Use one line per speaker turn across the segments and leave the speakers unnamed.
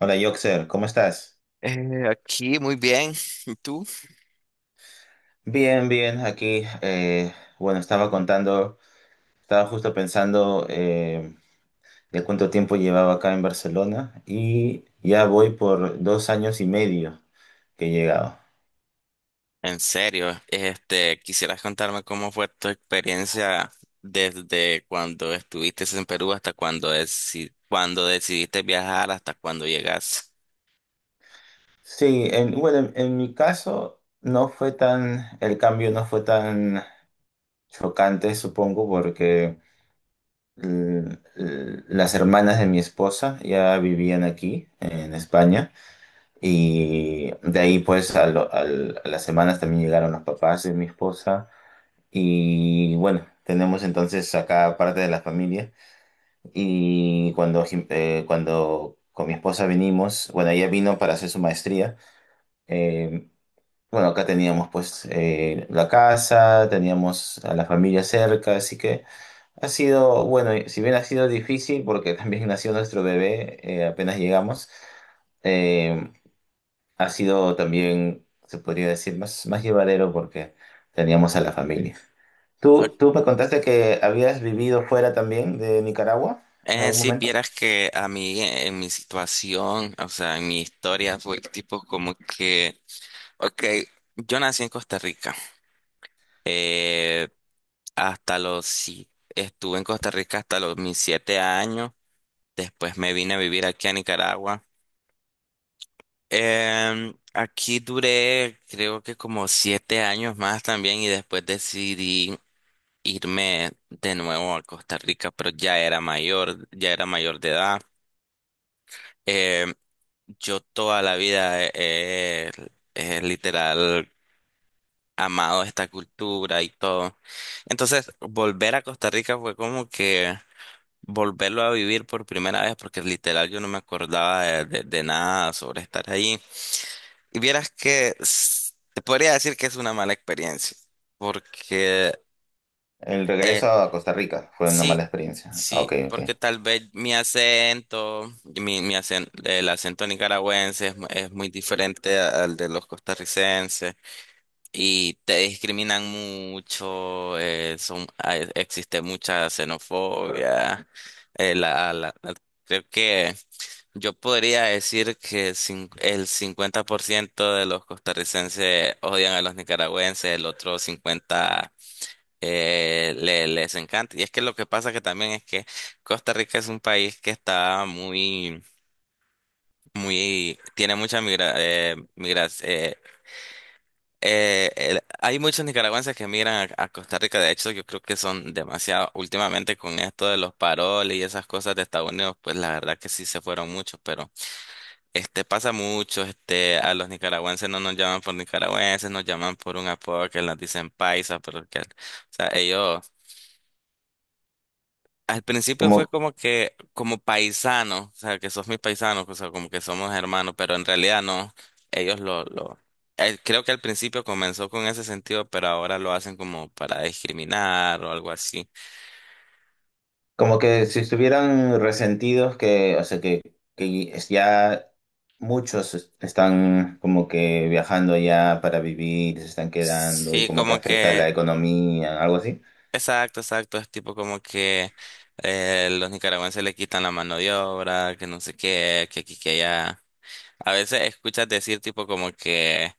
Hola, Yoxer, ¿cómo estás?
Aquí muy bien. ¿Y tú?
Bien, bien, aquí, bueno, estaba estaba justo pensando de cuánto tiempo llevaba acá en Barcelona y ya voy por 2 años y medio que he llegado.
En serio, ¿quisieras contarme cómo fue tu experiencia desde cuando estuviste en Perú hasta cuando, cuando decidiste viajar hasta cuando llegas?
Sí, bueno, en mi caso no fue tan, el cambio no fue tan chocante, supongo, porque las hermanas de mi esposa ya vivían aquí, en España. Y de ahí, pues, a las semanas también llegaron los papás de mi esposa. Y bueno, tenemos entonces acá parte de la familia. Y cuando con mi esposa vinimos, bueno, ella vino para hacer su maestría. eh, bueno, acá teníamos pues la casa, teníamos a la familia cerca, así que ha sido, bueno, si bien ha sido difícil porque también nació nuestro bebé apenas llegamos. eh, Ha sido también, se podría decir, más llevadero porque teníamos a la familia.
Ok.
¿Tú me contaste que habías vivido fuera también de Nicaragua en algún
Si
momento?
vieras que a mí, en mi situación, o sea, en mi historia fue tipo como que, ok, yo nací en Costa Rica. Eh, Hasta los, sí, estuve en Costa Rica hasta los mis 7 años. Después me vine a vivir aquí a Nicaragua. Aquí duré creo que como 7 años más también y después decidí irme de nuevo a Costa Rica, pero ya era mayor de edad. Em, yo toda la vida he literal amado esta cultura y todo. Entonces, volver a Costa Rica fue como que volverlo a vivir por primera vez porque literal yo no me acordaba de nada sobre estar ahí. Y vieras que te podría decir que es una mala experiencia porque
El
eh,
regreso a Costa Rica fue una mala
sí,
experiencia. Ah,
sí,
Ok, ok.
porque tal vez mi acento, y el acento nicaragüense es muy diferente al de los costarricenses y te discriminan mucho, existe mucha xenofobia, eh, la, la- la- creo que. Yo podría decir que el 50% de los costarricenses odian a los nicaragüenses, el otro 50% les encanta. Y es que lo que pasa que también es que Costa Rica es un país que está muy, muy, tiene mucha migra, hay muchos nicaragüenses que migran a Costa Rica. De hecho, yo creo que son demasiado, últimamente con esto de los paroles y esas cosas de Estados Unidos, pues la verdad que sí se fueron muchos, pero Este pasa mucho, a los nicaragüenses no nos llaman por nicaragüenses, nos llaman por un apodo que nos dicen paisa, pero que, o sea, ellos, al principio fue
Como,
como que, como paisano, o sea, que sos mis paisanos o sea, como que somos hermanos, pero en realidad no, ellos lo, lo, creo que al principio comenzó con ese sentido, pero ahora lo hacen como para discriminar o algo así.
Como que si estuvieran resentidos que, o sea, que, ya muchos están como que viajando ya para vivir, se están quedando y
Sí,
como que
como
afecta la
que
economía, algo así.
exacto, exacto. Es tipo como que los nicaragüenses le quitan la mano de obra, que no sé qué, que aquí, que allá. A veces escuchas decir tipo como que,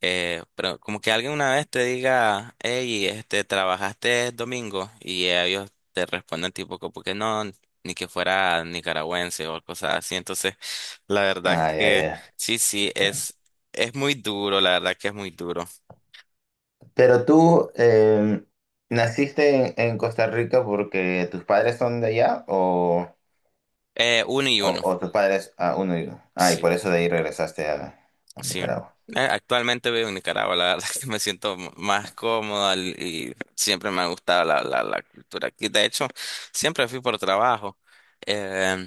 pero como que alguien una vez te diga, hey, trabajaste domingo y ellos te responden tipo como que no, ni que fuera nicaragüense o cosas así. Entonces, la verdad
Ah, ya,
que sí, sí,
ya.
es muy duro, la verdad que es muy duro.
Pero tú naciste en Costa Rica porque tus padres son de allá
Uno y uno.
o tus padres, ah, uno y uno. Ah, y
Sí.
por eso de ahí regresaste a
Sí.
Nicaragua.
Actualmente vivo en Nicaragua, la verdad es que me siento más cómoda y siempre me ha gustado la cultura aquí. De hecho, siempre fui por trabajo, eh,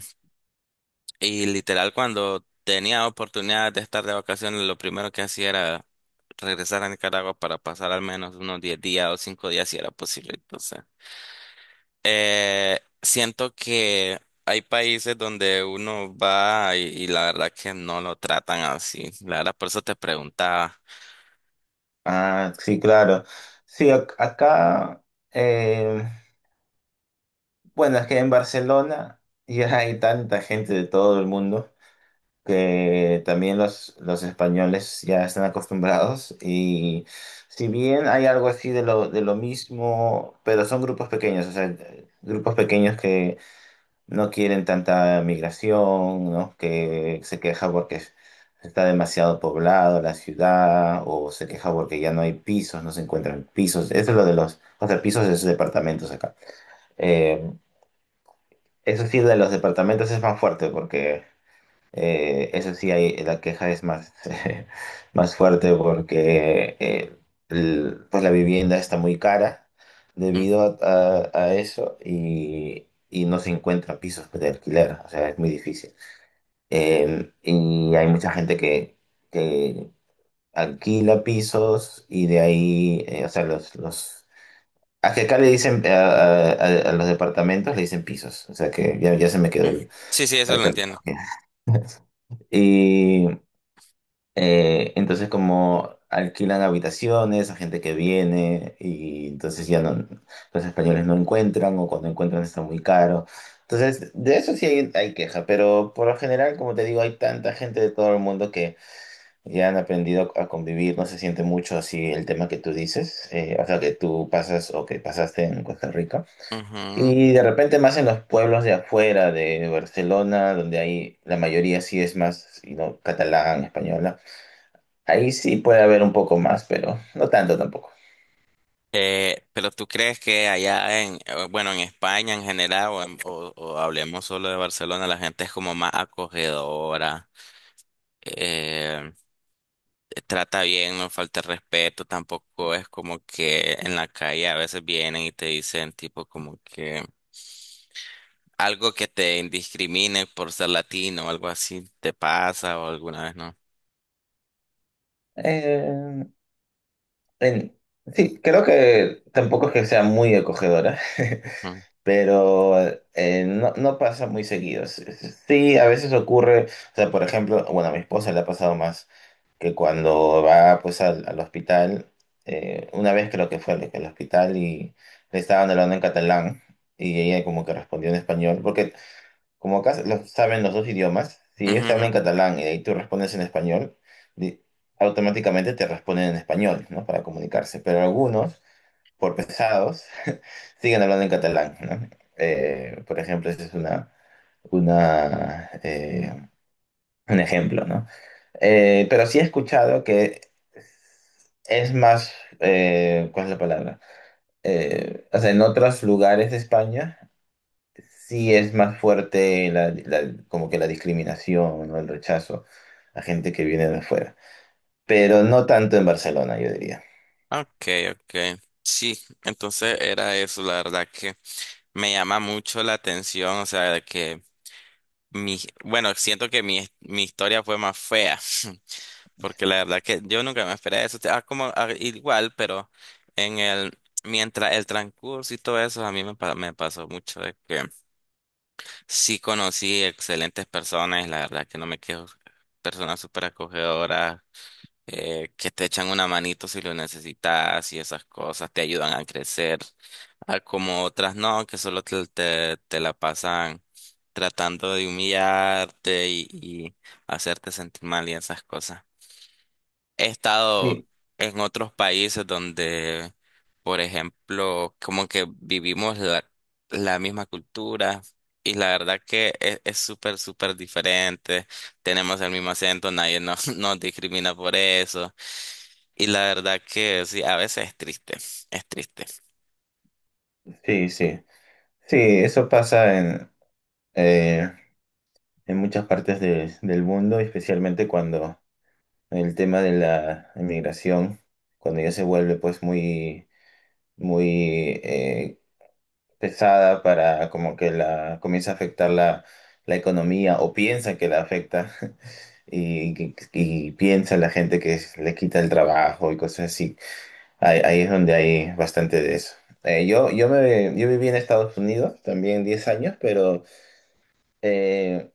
y literal cuando tenía oportunidad de estar de vacaciones, lo primero que hacía era regresar a Nicaragua para pasar al menos unos 10 días o 5 días si era posible. Entonces, siento que hay países donde uno va y la verdad que no lo tratan así. La verdad, por eso te preguntaba.
Ah, sí, claro. Sí, acá, em, bueno, es que en Barcelona ya hay tanta gente de todo el mundo. Que también los españoles ya están acostumbrados y si bien hay algo así de de lo mismo, pero son grupos pequeños, o sea, grupos pequeños que no quieren tanta migración, ¿no? Que se queja porque está demasiado poblado la ciudad o se queja porque ya no hay pisos, no se encuentran pisos. Eso es lo de los, o sea, pisos es departamentos acá. Eh, eso sí, de los departamentos es más fuerte porque... Eso sí, hay, la queja es más, más fuerte porque el- pues la vivienda está muy cara debido a, a eso y no se encuentran pisos de alquiler, o sea, es muy difícil. Y hay mucha gente que alquila pisos y de ahí, o sea, los... A que acá le dicen, a los departamentos le dicen pisos, o sea que ya, ya se me quedó
Mm, sí, sí, eso
la
lo entiendo.
terminología. Y, entonces como alquilan habitaciones a gente que viene y entonces ya no, los españoles no encuentran o cuando encuentran está muy caro. Entonces, de eso sí hay queja, pero por lo general, como te digo, hay tanta gente de todo el mundo que ya han aprendido a convivir, no se siente mucho así el tema que tú dices, o sea, que tú pasas o que pasaste en Costa Rica.
Ujú.
Y de repente más en los pueblos de afuera de Barcelona, donde hay la mayoría sí es más, you know, catalán, español. Ahí sí puede haber un poco más, pero no tanto tampoco.
Pero tú crees que allá en, bueno, en España en general, o hablemos solo de Barcelona, la gente es como más acogedora, eh, trata bien, no falta el respeto, tampoco es como que en la calle a veces vienen y te dicen tipo como que algo que te indiscrimine por ser latino o algo así te pasa o alguna vez no.
Eh, en- sí, creo que tampoco es que sea muy acogedora, pero no, no pasa muy seguido. S- Sí, a veces ocurre, o sea, por ejemplo, bueno, a mi esposa le ha pasado más que cuando va pues al hospital, una vez creo que fue al hospital y le estaban hablando en catalán y ella como que respondió en español, porque como acá saben los dos idiomas, si ellos te hablan en
Ujú.
catalán y ahí tú respondes en español, di- automáticamente te responden en español, ¿no? Para comunicarse. Pero algunos, por pesados, siguen hablando en catalán, ¿no? Por ejemplo, ese es una, eh, un ejemplo, ¿no? Pero sí he escuchado que es más, ¿cuál es la palabra? O sea, en otros lugares de España. Sí, es más fuerte como que la discriminación o el rechazo a gente que viene de afuera. Pero no tanto en Barcelona, yo diría.
Okay, okay. Sí, entonces era eso, la verdad que me llama mucho la atención, o sea, de que mi, bueno, siento que mi historia fue más fea, porque la verdad que yo nunca me esperé eso, igual, pero en el, mientras el transcurso y todo eso, a mí me, pa- me pasó mucho de que sí conocí excelentes personas, y la verdad que no me quejo, personas súper acogedoras, que te echan una manito si lo necesitas y esas cosas te ayudan a crecer, a como otras no, que solo te la pasan tratando de humillarte y hacerte sentir mal y esas cosas. He estado
Sí,
en otros países donde, por ejemplo, como que vivimos la misma cultura. Y la verdad que es súper, súper diferente. Tenemos el mismo acento, nadie nos, nos discrimina por eso y la verdad que sí, a veces es triste, es triste.
sí. Sí, eso pasa eh, en muchas partes de- del mundo, especialmente cuando el tema de la inmigración, cuando ya se vuelve pues muy, muy pesada para como que la comienza a afectar la economía o piensa que la afecta y, y piensa la gente que le quita el trabajo y cosas así. Ahí, ahí es donde hay bastante de eso. Yo viví en Estados Unidos también 10 años, pero eh,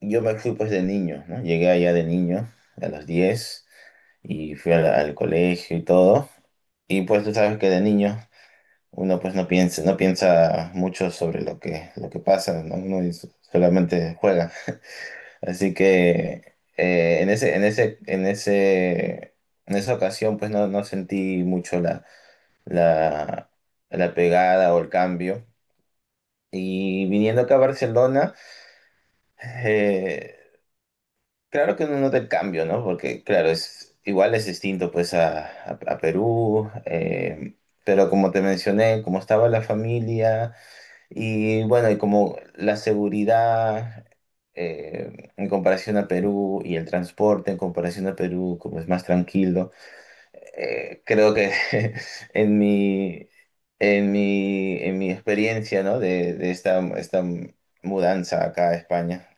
yo me fui pues de niño, ¿no? Llegué allá de niño a los 10 y fui al colegio y todo. Y pues tú sabes que de niño uno pues no piensa, no piensa mucho sobre lo lo que pasa, ¿no? Uno solamente juega. Así que en esa ocasión, pues no, no sentí mucho la, la pegada o el cambio. Y viniendo acá a Barcelona, eh, claro que no nota el cambio, ¿no? Porque, claro, es, igual es distinto pues a, a Perú, pero como te mencioné, como estaba la familia. Y bueno, y como la seguridad en comparación a Perú y el transporte en comparación a Perú, como es más tranquilo, creo que en mi, en mi experiencia, ¿no? de, esta mudanza acá a España,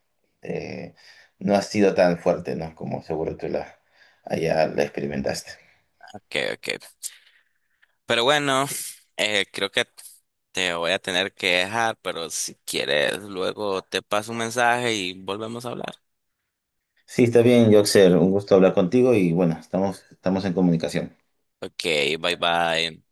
eh, no ha sido tan fuerte, ¿no? como seguro tú la, allá la experimentaste.
Ok, ok. Pero bueno, creo que te voy a tener que dejar, pero si quieres, luego te paso un mensaje y volvemos a hablar.
Sí, está bien, Yoxer, un gusto hablar contigo y bueno, estamos, estamos en comunicación.
Ok, bye bye.